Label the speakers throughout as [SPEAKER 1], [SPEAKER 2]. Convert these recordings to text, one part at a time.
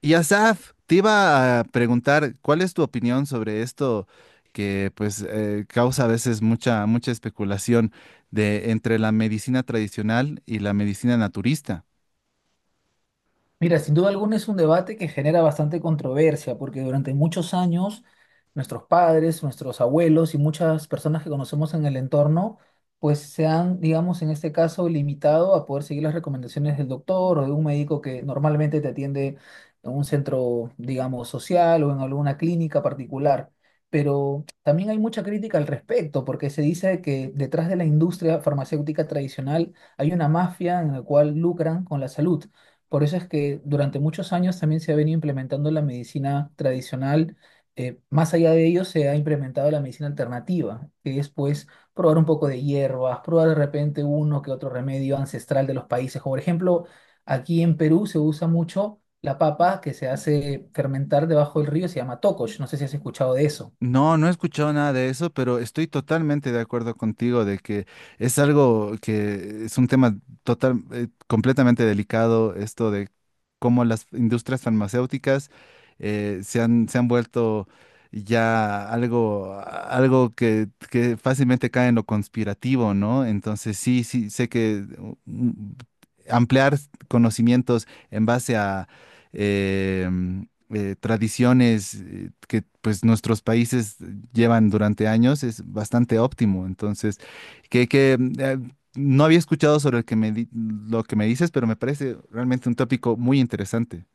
[SPEAKER 1] Y Asaf, te iba a preguntar, ¿cuál es tu opinión sobre esto que pues causa a veces mucha especulación de entre la medicina tradicional y la medicina naturista?
[SPEAKER 2] Mira, sin duda alguna es un debate que genera bastante controversia, porque durante muchos años nuestros padres, nuestros abuelos y muchas personas que conocemos en el entorno, pues se han, digamos, en este caso, limitado a poder seguir las recomendaciones del doctor o de un médico que normalmente te atiende en un centro, digamos, social o en alguna clínica particular. Pero también hay mucha crítica al respecto, porque se dice que detrás de la industria farmacéutica tradicional hay una mafia en la cual lucran con la salud. Por eso es que durante muchos años también se ha venido implementando la medicina tradicional. Más allá de ello, se ha implementado la medicina alternativa, que es pues probar un poco de hierbas, probar de repente uno que otro remedio ancestral de los países. Como por ejemplo, aquí en Perú se usa mucho la papa que se hace fermentar debajo del río, se llama tocosh. No sé si has escuchado de eso.
[SPEAKER 1] No, no he escuchado nada de eso, pero estoy totalmente de acuerdo contigo de que es algo que es un tema total, completamente delicado, esto de cómo las industrias farmacéuticas se han vuelto ya algo, algo que fácilmente cae en lo conspirativo, ¿no? Entonces sí, sí, sé que ampliar conocimientos en base a... em, tradiciones que pues nuestros países llevan durante años es bastante óptimo. Entonces, que no había escuchado sobre el que me di- lo que me dices, pero me parece realmente un tópico muy interesante.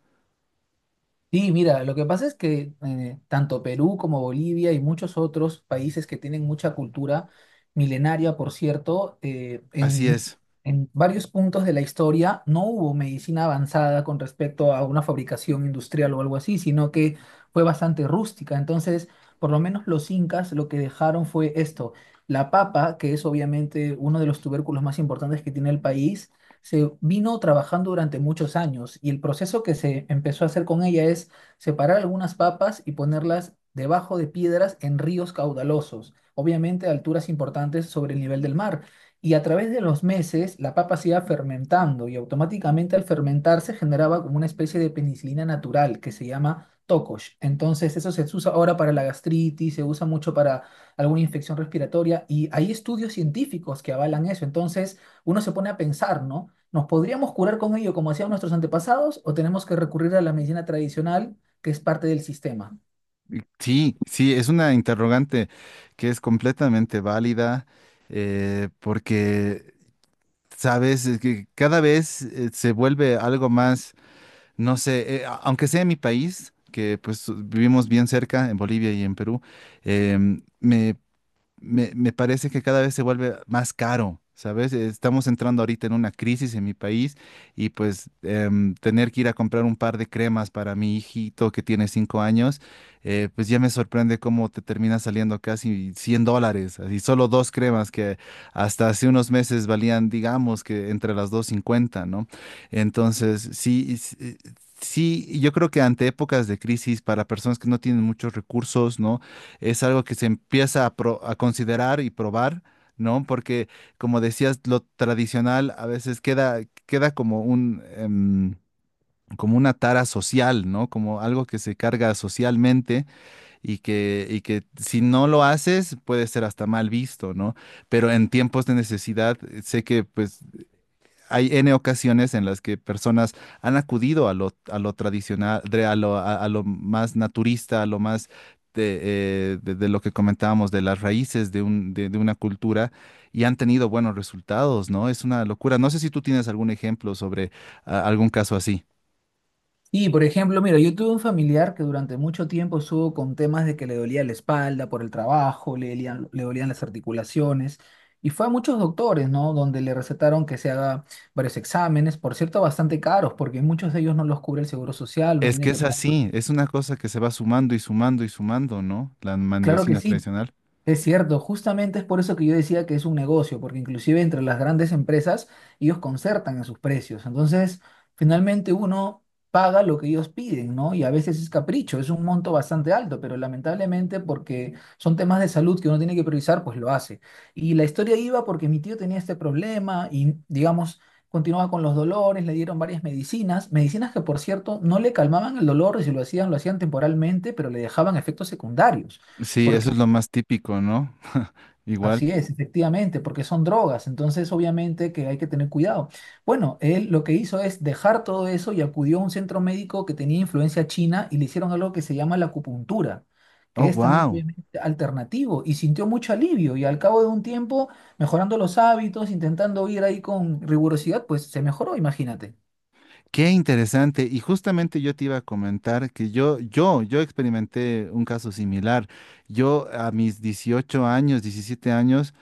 [SPEAKER 2] Sí, mira, lo que pasa es que tanto Perú como Bolivia y muchos otros países que tienen mucha cultura milenaria, por cierto, eh,
[SPEAKER 1] Así
[SPEAKER 2] en,
[SPEAKER 1] es.
[SPEAKER 2] en varios puntos de la historia no hubo medicina avanzada con respecto a una fabricación industrial o algo así, sino que fue bastante rústica. Entonces, por lo menos los incas lo que dejaron fue esto, la papa, que es obviamente uno de los tubérculos más importantes que tiene el país se vino trabajando durante muchos años y el proceso que se empezó a hacer con ella es separar algunas papas y ponerlas debajo de piedras en ríos caudalosos, obviamente a alturas importantes sobre el nivel del mar. Y a través de los meses la papa se iba fermentando y automáticamente al fermentarse generaba como una especie de penicilina natural que se llama tocosh. Entonces eso se usa ahora para la gastritis, se usa mucho para alguna infección respiratoria y hay estudios científicos que avalan eso. Entonces uno se pone a pensar, ¿no? ¿Nos podríamos curar con ello como hacían nuestros antepasados o tenemos que recurrir a la medicina tradicional que es parte del sistema?
[SPEAKER 1] Sí, sí, es una interrogante que es completamente válida porque, sabes, es que cada vez se vuelve algo más no sé, aunque sea en mi país, que pues vivimos bien cerca, en Bolivia y en Perú, eh, me me parece que cada vez se vuelve más caro, ¿sabes? Estamos entrando ahorita en una crisis en mi país y pues tener que ir a comprar un par de cremas para mi hijito que tiene 5 años, pues ya me sorprende cómo te termina saliendo casi $100, así solo dos cremas que hasta hace unos meses valían, digamos, que entre las dos cincuenta, ¿no? Entonces, sí, sí, sí, yo creo que ante épocas de crisis, para personas que no tienen muchos recursos, ¿no? Es algo que se empieza a considerar y probar, ¿no? Porque, como decías, lo tradicional a veces queda, queda como un, como una tara social, ¿no? Como algo que se carga socialmente y que si no lo haces puede ser hasta mal visto, ¿no? Pero en tiempos de necesidad, sé que pues hay N ocasiones en las que personas han acudido a lo tradicional, a lo más naturista, a lo más de, de lo que comentábamos, de las raíces de una cultura y han tenido buenos resultados, ¿no? Es una locura. No sé si tú tienes algún ejemplo sobre algún caso así.
[SPEAKER 2] Y, por ejemplo, mira, yo tuve un familiar que durante mucho tiempo estuvo con temas de que le dolía la espalda por el trabajo, le dolían las articulaciones y fue a muchos doctores, ¿no? Donde le recetaron que se haga varios exámenes, por cierto, bastante caros porque muchos de ellos no los cubre el seguro social, no
[SPEAKER 1] Es que
[SPEAKER 2] tiene que
[SPEAKER 1] es
[SPEAKER 2] pagar.
[SPEAKER 1] así, es una cosa que se va sumando y sumando y sumando, ¿no? La
[SPEAKER 2] Claro que
[SPEAKER 1] mandosina
[SPEAKER 2] sí,
[SPEAKER 1] tradicional.
[SPEAKER 2] es cierto, justamente es por eso que yo decía que es un negocio, porque inclusive entre las grandes empresas ellos concertan a sus precios. Entonces, finalmente uno paga lo que ellos piden, ¿no? Y a veces es capricho, es un monto bastante alto, pero lamentablemente porque son temas de salud que uno tiene que priorizar, pues lo hace. Y la historia iba porque mi tío tenía este problema y, digamos, continuaba con los dolores, le dieron varias medicinas, medicinas que, por cierto, no le calmaban el dolor y si lo hacían, lo hacían temporalmente, pero le dejaban efectos secundarios.
[SPEAKER 1] Sí, eso es lo más típico, ¿no? Igual.
[SPEAKER 2] Así es, efectivamente, porque son drogas, entonces obviamente que hay que tener cuidado. Bueno, él lo que hizo es dejar todo eso y acudió a un centro médico que tenía influencia china y le hicieron algo que se llama la acupuntura,
[SPEAKER 1] Oh,
[SPEAKER 2] que es también
[SPEAKER 1] wow.
[SPEAKER 2] obviamente alternativo y sintió mucho alivio y al cabo de un tiempo, mejorando los hábitos, intentando ir ahí con rigurosidad, pues se mejoró, imagínate.
[SPEAKER 1] Qué interesante. Y justamente yo te iba a comentar que yo experimenté un caso similar. Yo a mis 18 años, 17 años,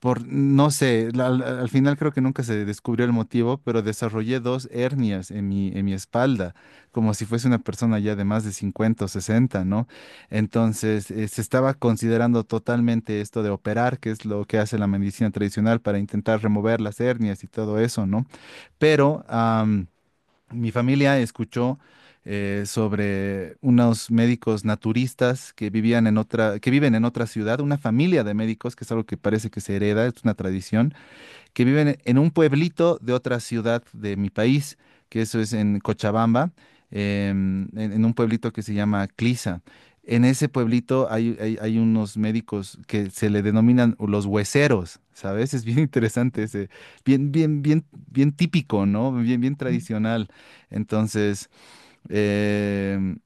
[SPEAKER 1] por, no sé, al final creo que nunca se descubrió el motivo, pero desarrollé dos hernias en mi espalda, como si fuese una persona ya de más de 50 o 60, ¿no? Entonces, se estaba considerando totalmente esto de operar, que es lo que hace la medicina tradicional para intentar remover las hernias y todo eso, ¿no? Pero... Mi familia escuchó sobre unos médicos naturistas que vivían en otra, que viven en otra ciudad, una familia de médicos, que es algo que parece que se hereda, es una tradición que viven en un pueblito de otra ciudad de mi país, que eso es en Cochabamba, en un pueblito que se llama Clisa. En ese pueblito hay, hay unos médicos que se le denominan los hueseros, ¿sabes? Es bien interesante ese, bien, bien, bien, bien típico, ¿no? Bien, bien tradicional. Entonces, em,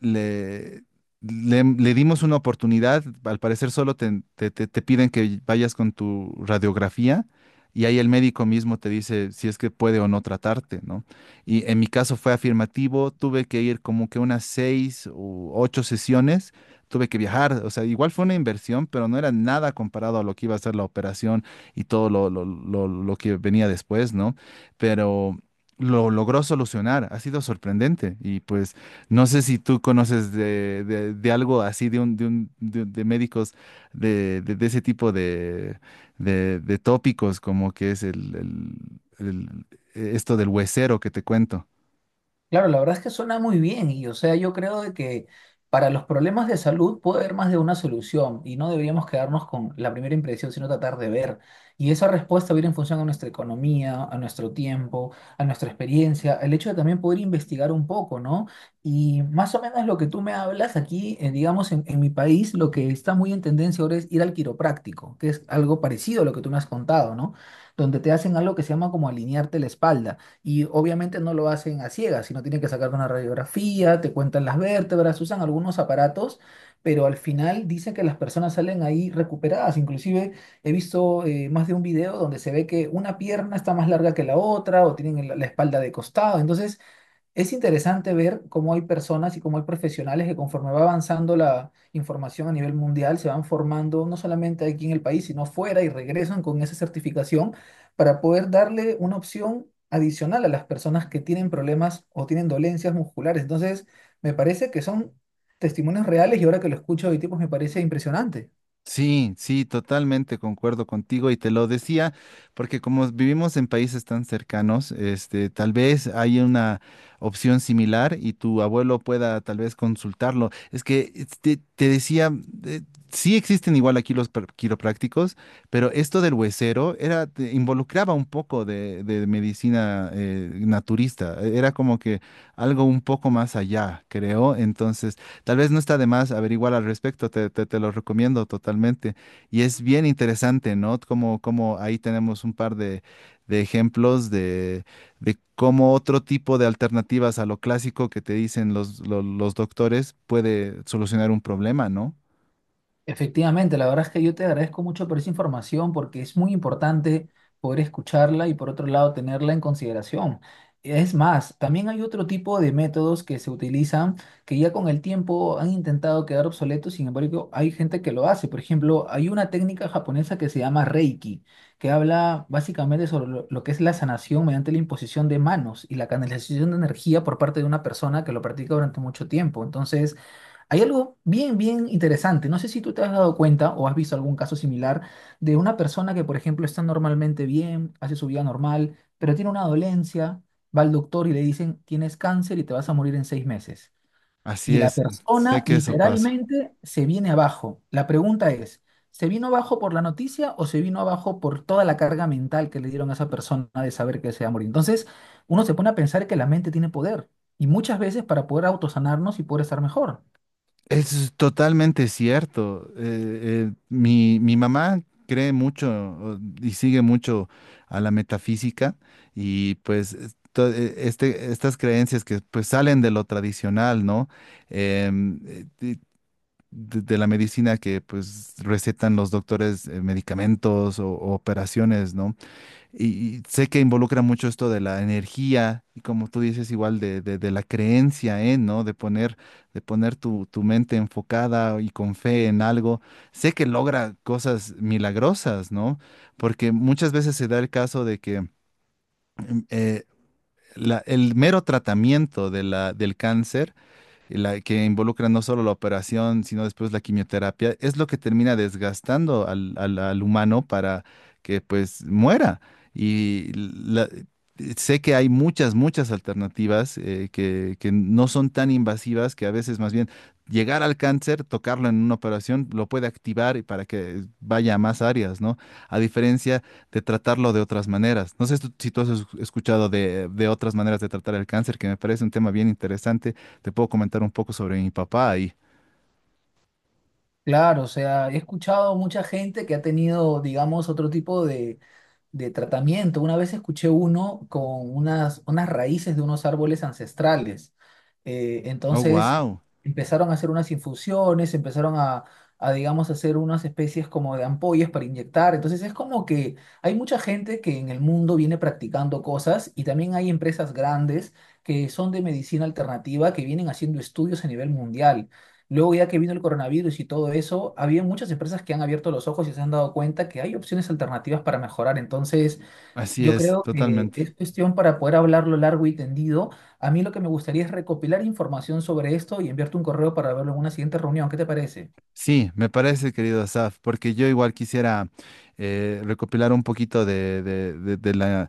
[SPEAKER 1] le, le dimos una oportunidad. Al parecer solo te piden que vayas con tu radiografía y ahí el médico mismo te dice si es que puede o no tratarte, ¿no? Y en mi caso fue afirmativo, tuve que ir como que unas 6 u 8 sesiones. Tuve que viajar, o sea, igual fue una inversión, pero no era nada comparado a lo que iba a ser la operación y todo lo que venía después, ¿no? Pero lo logró solucionar, ha sido sorprendente y pues no sé si tú conoces de algo así, de médicos de ese tipo de, de tópicos, como que es el- el- esto del huesero que te cuento.
[SPEAKER 2] Claro, la verdad es que suena muy bien y, o sea, yo creo de que para los problemas de salud puede haber más de una solución y no deberíamos quedarnos con la primera impresión, sino tratar de ver. Y esa respuesta viene en función a nuestra economía, a nuestro tiempo, a nuestra experiencia, el hecho de también poder investigar un poco, ¿no? Y más o menos lo que tú me hablas aquí, digamos, en mi país, lo que está muy en tendencia ahora es ir al quiropráctico, que es algo parecido a lo que tú me has contado, ¿no? Donde te hacen algo que se llama como alinearte la espalda. Y obviamente no lo hacen a ciegas, sino tienen que sacar una radiografía, te cuentan las vértebras, usan algunos aparatos, pero al final dicen que las personas salen ahí recuperadas. Inclusive he visto más de un video donde se ve que una pierna está más larga que la otra o tienen la espalda de costado. Entonces, es interesante ver cómo hay personas y cómo hay profesionales que conforme va avanzando la información a nivel mundial, se van formando no solamente aquí en el país, sino fuera y regresan con esa certificación para poder darle una opción adicional a las personas que tienen problemas o tienen dolencias musculares. Entonces, me parece que son testimonios reales y ahora que lo escucho de tipos me parece impresionante.
[SPEAKER 1] Sí, sí, totalmente concuerdo contigo y te lo decía porque como vivimos en países tan cercanos, este, tal vez hay una opción similar y tu abuelo pueda tal vez consultarlo. Es que te decía, eh, sí existen igual aquí los quiroprácticos, pero esto del huesero era, te involucraba un poco de medicina naturista, e, era como que algo un poco más allá, creo. Entonces... Tal vez no está de más averiguar al respecto, te lo recomiendo totalmente. Y es bien interesante, ¿no? Como, como ahí tenemos un par de ejemplos de cómo otro tipo de alternativas a lo clásico que te dicen los doctores puede solucionar un problema, ¿no?
[SPEAKER 2] Efectivamente, la verdad es que yo te agradezco mucho por esa información porque es muy importante poder escucharla y por otro lado tenerla en consideración. Es más, también hay otro tipo de métodos que se utilizan que ya con el tiempo han intentado quedar obsoletos, sin embargo, hay gente que lo hace. Por ejemplo, hay una técnica japonesa que se llama Reiki, que habla básicamente sobre lo que es la sanación mediante la imposición de manos y la canalización de energía por parte de una persona que lo practica durante mucho tiempo. Entonces, hay algo bien, bien interesante. No sé si tú te has dado cuenta o has visto algún caso similar de una persona que, por ejemplo, está normalmente bien, hace su vida normal, pero tiene una dolencia, va al doctor y le dicen, tienes cáncer y te vas a morir en 6 meses. Y
[SPEAKER 1] Así
[SPEAKER 2] la
[SPEAKER 1] es, sé
[SPEAKER 2] persona
[SPEAKER 1] que eso pasa.
[SPEAKER 2] literalmente se viene abajo. La pregunta es, ¿se vino abajo por la noticia o se vino abajo por toda la carga mental que le dieron a esa persona de saber que se va a morir? Entonces, uno se pone a pensar que la mente tiene poder y muchas veces para poder autosanarnos y poder estar mejor.
[SPEAKER 1] Es totalmente cierto. Mi mamá cree mucho y sigue mucho a la metafísica y pues estas creencias que pues salen de lo tradicional, ¿no? De, de la medicina que pues recetan los doctores medicamentos o operaciones, ¿no? Y sé que involucra mucho esto de la energía y como tú dices, igual de, de la creencia, ¿eh? ¿No? De poner tu mente enfocada y con fe en algo. Sé que logra cosas milagrosas, ¿no? Porque muchas veces se da el caso de que em, eh, el mero tratamiento de la, del cáncer la que involucra no solo la operación, sino después la quimioterapia, es lo que termina desgastando al humano para que pues muera. Y la- sé que hay muchas, muchas alternativas que no son tan invasivas, que a veces más bien llegar al cáncer, tocarlo en una operación, lo puede activar y para que vaya a más áreas, ¿no? A diferencia de tratarlo de otras maneras. No sé si tú has escuchado de otras maneras de tratar el cáncer, que me parece un tema bien interesante. Te puedo comentar un poco sobre mi papá y...
[SPEAKER 2] Claro, o sea, he escuchado mucha gente que ha tenido, digamos, otro tipo de tratamiento. Una vez escuché uno con unas raíces de unos árboles ancestrales. Eh,
[SPEAKER 1] Oh,
[SPEAKER 2] entonces
[SPEAKER 1] wow.
[SPEAKER 2] empezaron a hacer unas infusiones, empezaron a, digamos, hacer unas especies como de ampollas para inyectar. Entonces es como que hay mucha gente que en el mundo viene practicando cosas y también hay empresas grandes que son de medicina alternativa que vienen haciendo estudios a nivel mundial. Luego, ya que vino el coronavirus y todo eso, había muchas empresas que han abierto los ojos y se han dado cuenta que hay opciones alternativas para mejorar. Entonces,
[SPEAKER 1] Así
[SPEAKER 2] yo
[SPEAKER 1] es,
[SPEAKER 2] creo que
[SPEAKER 1] totalmente.
[SPEAKER 2] es cuestión para poder hablarlo largo y tendido. A mí lo que me gustaría es recopilar información sobre esto y enviarte un correo para verlo en una siguiente reunión. ¿Qué te parece?
[SPEAKER 1] Sí, me parece, querido Asaf, porque yo igual quisiera recopilar un poquito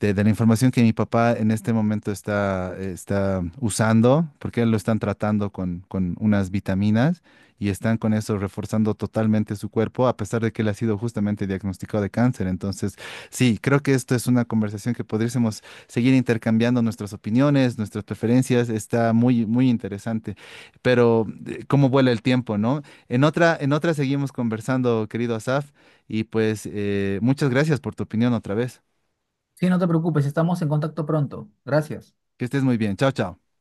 [SPEAKER 1] de la información que mi papá en este momento está, está usando, porque él lo están tratando con unas vitaminas y están con eso reforzando totalmente su cuerpo, a pesar de que él ha sido justamente diagnosticado de cáncer. Entonces, sí, creo que esto es una conversación que podríamos seguir intercambiando nuestras opiniones, nuestras preferencias. Está muy, muy interesante, pero cómo vuela el tiempo, ¿no? En otra seguimos conversando, querido Asaf, y pues muchas gracias por tu opinión otra vez.
[SPEAKER 2] Sí, no te preocupes, estamos en contacto pronto. Gracias.
[SPEAKER 1] Que estés muy bien. Chao, chao.